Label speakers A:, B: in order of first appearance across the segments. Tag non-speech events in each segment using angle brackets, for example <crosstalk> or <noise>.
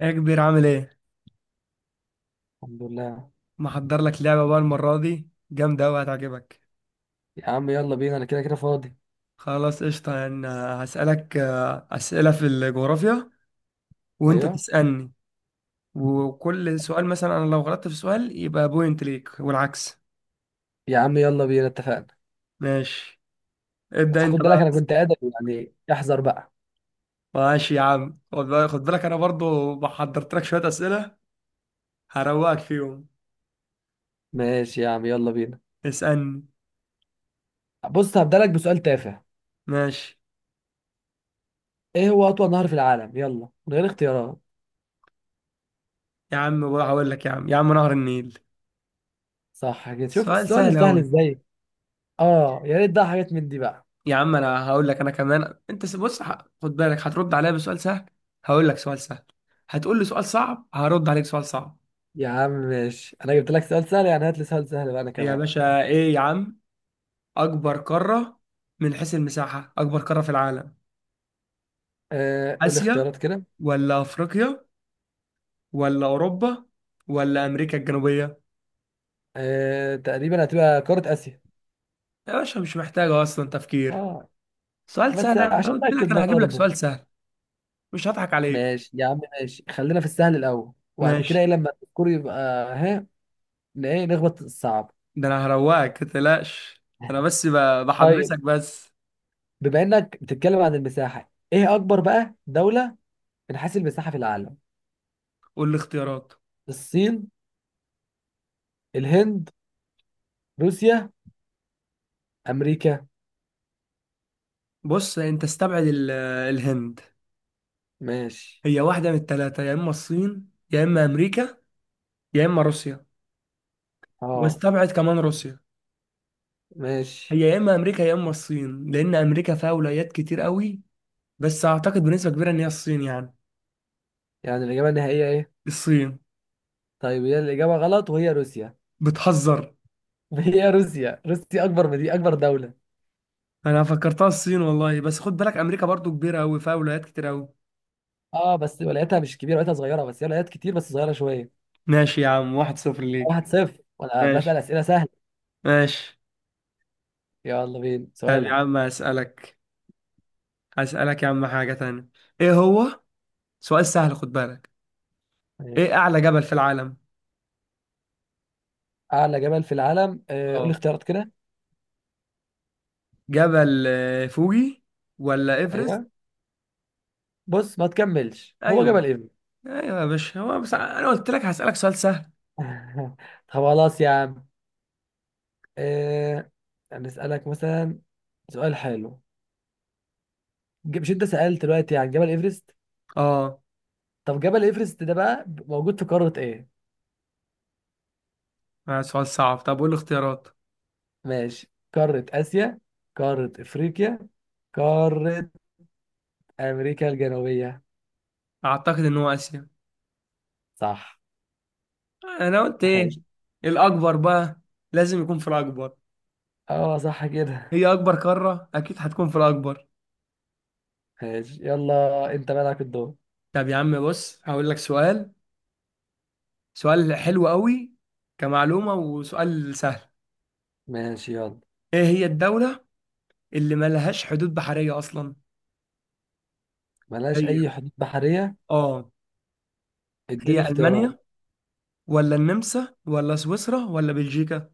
A: ايه يا كبير عامل ايه؟
B: الحمد لله.
A: محضر لك لعبة بقى المرة دي جامدة أوي هتعجبك.
B: يا عم يلا بينا، انا كده كده فاضي.
A: خلاص قشطة. يعني هسألك أسئلة في الجغرافيا وأنت
B: ايوه،
A: تسألني، وكل سؤال مثلا أنا لو غلطت في سؤال يبقى بوينت ليك والعكس.
B: يا عم يلا بينا اتفقنا.
A: ماشي، ابدأ
B: بس خد
A: أنت
B: بالك
A: بقى.
B: انا كنت ادبي، يعني احذر بقى.
A: ماشي يا عم، خد بالك أنا برضو محضرت لك شوية أسئلة هروقك فيهم.
B: ماشي يا عم يلا بينا.
A: اسألني.
B: بص، هبدأ لك بسؤال تافه.
A: ماشي
B: ايه هو اطول نهر في العالم؟ يلا من غير اختيارات.
A: يا عم، بقى هقول لك، يا عم نهر النيل.
B: صح كده، شفت
A: سؤال
B: السؤال
A: سهل
B: سهل
A: أوي.
B: ازاي. اه، يا ريت بقى حاجات من دي بقى.
A: يا عم انا هقول لك انا كمان، خد بالك هترد عليا بسؤال سهل، هقول لك سؤال سهل، هتقول لي سؤال صعب هرد عليك سؤال صعب.
B: يا عم ماشي، انا جبت لك سؤال سهل يعني هات لي سؤال سهل بقى انا
A: يا
B: كمان.
A: باشا ايه يا عم، اكبر قارة من حيث المساحة، اكبر قارة في العالم؟
B: آه، قول لي
A: اسيا،
B: اختيارات كده.
A: ولا افريقيا، ولا اوروبا، ولا امريكا الجنوبية؟
B: آه، تقريبا هتبقى قارة اسيا.
A: يا باشا مش محتاجة اصلا تفكير،
B: اه،
A: سؤال
B: بس
A: سهل، انا
B: عشان
A: قلت
B: اتاكد
A: لك انا هجيب لك
B: برضه.
A: سؤال سهل، مش هضحك عليك.
B: ماشي يا عم ماشي، خلينا في السهل الاول وبعد كده
A: ماشي.
B: ايه لما الكور يبقى. ها. ايه نخبط الصعب.
A: ده انا هروقك متقلقش، انا بس
B: طيب،
A: بحمسك بس.
B: بما انك بتتكلم عن المساحه، ايه اكبر بقى دوله من حيث المساحه في العالم؟
A: قول لي اختيارات.
B: الصين، الهند، روسيا، امريكا.
A: بص انت استبعد الهند.
B: ماشي.
A: هي واحدة من التلاتة، يا اما الصين يا اما امريكا يا اما روسيا.
B: اه.
A: واستبعد كمان روسيا. هي
B: ماشي.
A: يا اما امريكا يا اما الصين، لان امريكا فيها ولايات كتير قوي، بس اعتقد بنسبة كبيرة ان هي الصين يعني.
B: يعني الاجابه النهائيه ايه؟
A: الصين.
B: طيب، هي الاجابه غلط وهي روسيا.
A: بتهزر؟
B: <laughs> هي روسيا، روسيا اكبر من دي، اكبر دوله.
A: انا فكرتها الصين والله، بس خد بالك امريكا برضو كبيرة قوي فيها ولايات كتير قوي.
B: اه، بس ولايتها مش كبيره، ولايتها صغيره بس هي ولايات كتير بس صغيره شويه.
A: ماشي يا عم، واحد صفر
B: واحد
A: ليك.
B: صفر وانا بسال
A: ماشي،
B: اسئله سهله.
A: ماشي.
B: يلا بينا
A: طب يا
B: سؤالك.
A: عم اسألك، اسألك يا عم حاجة تانية. ايه هو؟ سؤال سهل خد بالك. ايه
B: ماشي.
A: اعلى جبل في العالم؟
B: أعلى جبل في العالم. قول لي
A: اه،
B: اختيارات كده.
A: جبل فوجي، ولا ايفرست؟
B: أيوه. بص، ما تكملش، هو
A: ايوه،
B: جبل إيفن.
A: ايوه يا باشا، هو بس انا قلت لك هسألك سؤال سهل.
B: <laughs> طب خلاص يا عم. آه، هنسألك مثلا سؤال حلو. مش أنت سألت دلوقتي عن جبل إيفرست؟
A: اه.
B: طب جبل إيفرست ده بقى موجود في قارة إيه؟
A: سؤال صعب. طب قول الاختيارات.
B: ماشي، قارة آسيا، قارة إفريقيا، قارة أمريكا الجنوبية.
A: اعتقد ان هو اسيا.
B: صح.
A: انا قلت ايه؟
B: ماشي.
A: الاكبر بقى، لازم يكون في الاكبر،
B: أه، صح كده.
A: هي اكبر قارة اكيد هتكون في الاكبر.
B: ماشي، يلا أنت مالك الدور.
A: طب يا عم بص هقول لك سؤال، سؤال حلو قوي، كمعلومة وسؤال سهل.
B: ماشي يلا.
A: ايه هي الدولة اللي ملهاش حدود بحرية اصلا؟
B: ملهاش
A: هي،
B: أي حدود بحرية؟
A: اه،
B: اديني
A: هي
B: اختيارات.
A: المانيا، ولا النمسا، ولا سويسرا، ولا بلجيكا؟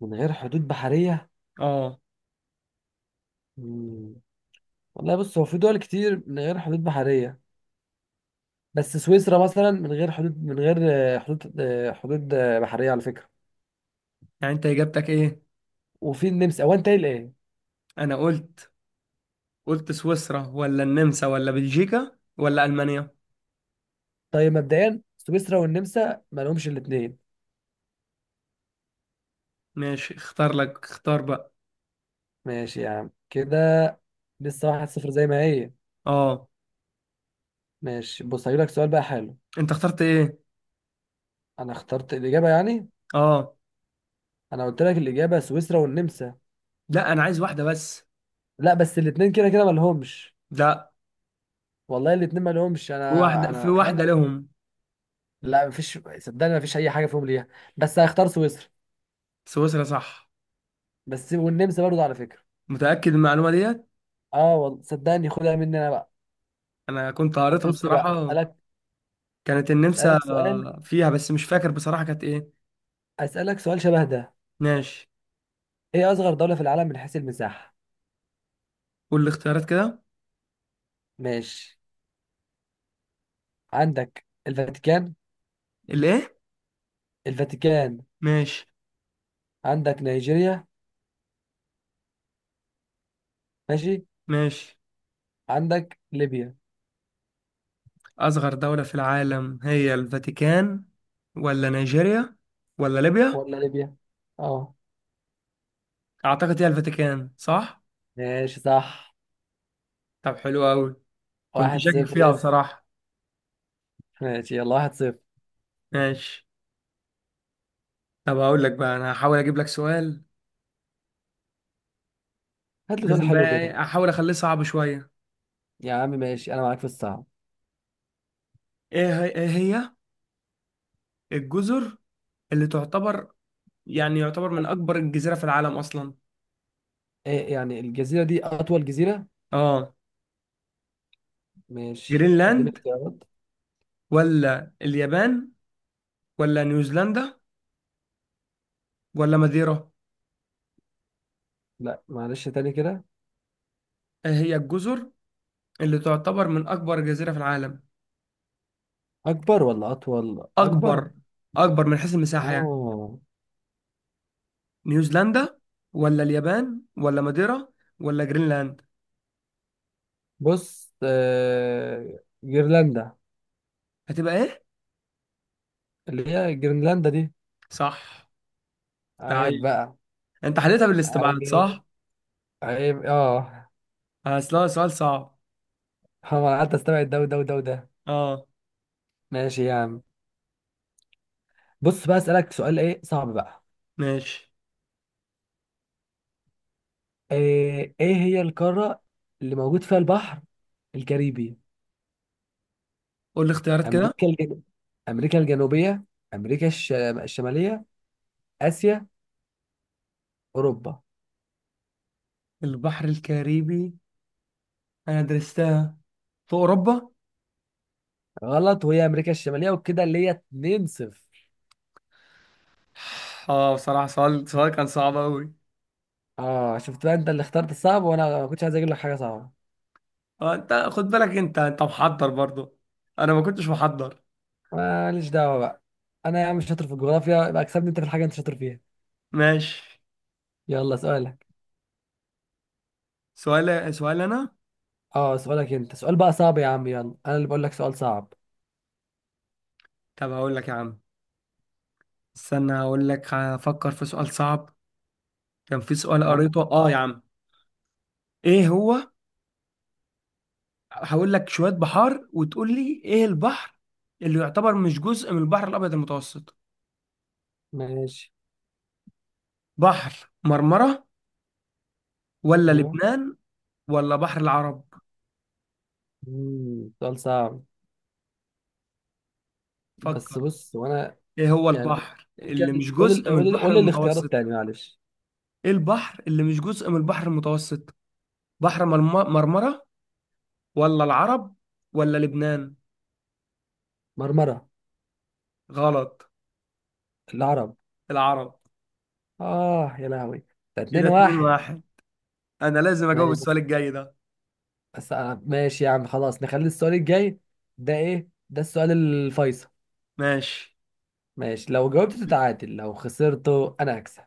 B: من غير حدود بحرية؟
A: اه.
B: مم. والله، بص هو في دول كتير من غير حدود بحرية. بس سويسرا مثلا من غير حدود، من غير حدود حدود بحرية، على فكرة.
A: يعني انت اجابتك ايه؟
B: وفي النمسا هو انت قايل ايه؟
A: انا قلت، قلت سويسرا ولا النمسا ولا بلجيكا ولا المانيا.
B: طيب، مبدئيا سويسرا والنمسا ما لهمش الاتنين.
A: ماشي اختار لك، اختار بقى.
B: ماشي يا عم كده. لسه واحد صفر زي ما هي.
A: اه.
B: ماشي، بص هجيلك سؤال بقى حلو.
A: انت اخترت ايه؟
B: انا اخترت الإجابة يعني.
A: اه.
B: انا قلت لك الإجابة سويسرا والنمسا.
A: لا، انا عايز واحدة بس.
B: لا، بس الاتنين كده كده ما لهمش.
A: لا،
B: والله الاتنين ما لهمش،
A: في
B: انا
A: واحدة، في
B: انا
A: واحدة لهم.
B: لا، مفيش، صدقني مفيش اي حاجه فيهم ليها. بس هختار سويسرا.
A: سويسرا صح.
B: بس والنمسا برضه على فكره.
A: متأكد من المعلومة ديت؟
B: اه والله، صدقني خدها مني انا بقى.
A: انا كنت
B: طب
A: قريتها
B: بص بقى
A: بصراحة.
B: اسالك.
A: كانت النمسا
B: اسالك سؤال.
A: فيها، بس مش فاكر بصراحة كانت ايه.
B: اسالك سؤال شبه ده.
A: ماشي،
B: ايه اصغر دوله في العالم من حيث المساحه؟
A: قول الاختيارات كده.
B: ماشي. عندك الفاتيكان.
A: الايه؟
B: الفاتيكان.
A: ماشي،
B: عندك نيجيريا. ماشي.
A: ماشي.
B: عندك ليبيا.
A: أصغر دولة في العالم هي الفاتيكان، ولا نيجيريا، ولا ليبيا؟
B: ولا ليبيا. اه.
A: أعتقد هي الفاتيكان، صح؟
B: ماشي صح.
A: طب حلو أوي، كنت
B: واحد
A: شاكك
B: صفر
A: فيها
B: لسه.
A: بصراحة.
B: ماشي يلا واحد صفر.
A: ماشي. طب هقول لك بقى أنا هحاول أجيب لك سؤال.
B: هات لي سؤال
A: لازم
B: حلو
A: بقى
B: كده.
A: أحاول أخليه صعب شوية.
B: يا عم ماشي، انا معاك في الصعب.
A: إيه هي الجزر اللي تعتبر، يعني يعتبر من أكبر الجزيرة في العالم أصلا؟
B: ايه يعني، الجزيرة دي أطول جزيرة؟
A: آه،
B: ماشي، اديني
A: جرينلاند،
B: اختيارات.
A: ولا اليابان، ولا نيوزيلندا، ولا ماديرا؟
B: لا، معلش تاني كده.
A: إيه هي الجزر اللي تعتبر من أكبر جزيرة في العالم؟
B: أكبر ولا أطول؟ أكبر.
A: اكبر، اكبر من حيث المساحه يعني.
B: آه.
A: نيوزيلندا، ولا اليابان، ولا ماديرا، ولا جرينلاند؟
B: بص جرينلاندا.
A: هتبقى ايه؟
B: اللي هي جرينلاندا دي.
A: صح.
B: عيب
A: لعيب،
B: بقى.
A: انت حليتها بالاستبعاد
B: عيب.
A: صح.
B: عيب آه. <laughs>
A: اصل هو سؤال صعب.
B: هو أنا قعدت أستبعد ده وده وده وده.
A: اه.
B: ماشي يا عم. بص بقى، أسألك سؤال إيه صعب بقى.
A: ماشي،
B: إيه هي القارة اللي موجود فيها البحر الكاريبي؟
A: قول لي اختيارات كده.
B: أمريكا الجنوبية أمريكا الجنوبية، أمريكا الشمالية، اسيا، اوروبا.
A: البحر الكاريبي انا درستها في اوروبا.
B: غلط وهي امريكا الشماليه، وكده اللي هي 2-0.
A: اه بصراحه، سؤال كان صعب قوي.
B: اه، شفت بقى انت اللي اخترت الصعب وانا ما كنتش عايز اجيب لك حاجه صعبه.
A: اه انت خد بالك، انت محضر برضه، انا ما كنتش محضر.
B: ماليش دعوه بقى. انا يا عم شاطر في الجغرافيا، يبقى اكسبني انت في الحاجه انت شاطر فيها.
A: ماشي.
B: يلا سؤالك.
A: سؤال انا.
B: اه، سؤالك انت سؤال بقى صعب يا عم، يلا انا اللي بقول لك سؤال صعب.
A: طب هقول لك يا عم، استنى هقول لك، هفكر في سؤال صعب. كان في سؤال
B: يا عم
A: قريته، اه يا عم. ايه هو؟ هقول لك شوية بحار وتقول لي ايه البحر اللي يعتبر مش جزء من البحر الابيض المتوسط.
B: ماشي.
A: بحر مرمرة، ولا
B: ايوه.
A: لبنان، ولا بحر العرب؟
B: مم. سؤال صعب. بس
A: فكر.
B: بص وانا
A: ايه هو
B: يعني.
A: البحر
B: قول
A: اللي
B: كده-
A: مش
B: قول ال-
A: جزء من
B: قول ال-
A: البحر
B: قول الاختيار
A: المتوسط؟
B: التاني، معلش.
A: ايه البحر اللي مش جزء من البحر المتوسط؟ بحر مرمرة، ولا العرب، ولا لبنان؟
B: مرمره.
A: غلط.
B: العرب.
A: العرب.
B: اه يا لهوي. ده
A: كده
B: 2
A: اتنين
B: 1
A: واحد، انا لازم اجاوب
B: ماشي.
A: السؤال الجاي ده.
B: بس أنا ماشي يا عم، خلاص نخلي السؤال الجاي. ده إيه؟ ده السؤال الفيصل.
A: ماشي.
B: ماشي، لو جاوبت تتعادل، لو خسرته أنا هكسب.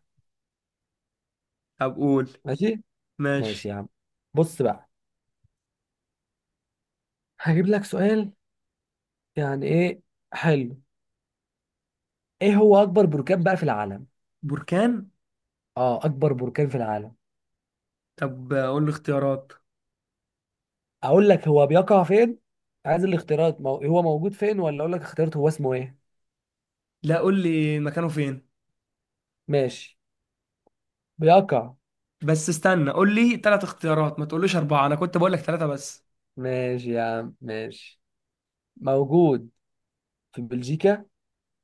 A: طب قول.
B: ماشي.
A: ماشي.
B: ماشي يا عم. بص بقى، هجيب لك سؤال يعني إيه حلو. إيه هو أكبر بركان بقى في العالم؟
A: بركان.
B: آه، أكبر بركان في العالم.
A: طب قول لي اختيارات.
B: أقول لك هو بيقع فين؟ عايز الاختيارات، هو موجود فين ولا أقول لك اختيارات هو اسمه إيه؟
A: لا، قول لي مكانه فين.
B: ماشي. بيقع.
A: بس استنى، قول لي ثلاث اختيارات ما تقوليش أربعة، أنا كنت بقول لك ثلاثة بس.
B: ماشي يا عم ماشي. موجود في بلجيكا،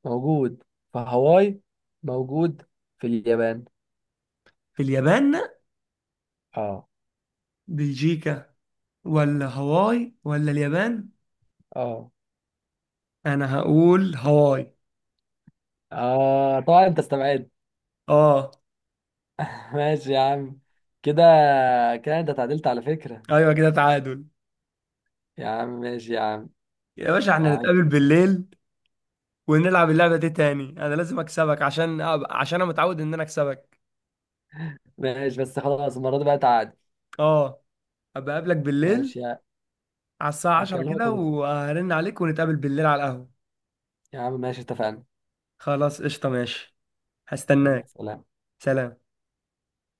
B: موجود في هاواي، موجود في اليابان.
A: في اليابان.
B: اه.
A: بلجيكا ولا هواي ولا اليابان؟
B: اه.
A: أنا هقول هواي.
B: اه، طبعا انت استبعدت.
A: آه.
B: <laughs> ماشي يا عم. كده. كده انت تعادلت على فكرة.
A: أيوة كده تعادل.
B: يا عم ماشي يا عم.
A: يا باشا احنا
B: معاك
A: نتقابل
B: دي.
A: بالليل ونلعب اللعبة دي تاني، أنا لازم أكسبك عشان، عشان أنا متعود إن أنا أكسبك.
B: ماشي بس خلاص، المرة دي بقى تعادل.
A: آه. أبقى أقابلك بالليل
B: ماشي.
A: على الساعة 10
B: هكلمك
A: كده
B: ونخرج.
A: وهرن عليك، ونتقابل بالليل على القهوة.
B: يا عم ماشي، اتفقنا.
A: خلاص قشطة، ماشي.
B: يلا،
A: هستناك.
B: سلام.
A: سلام.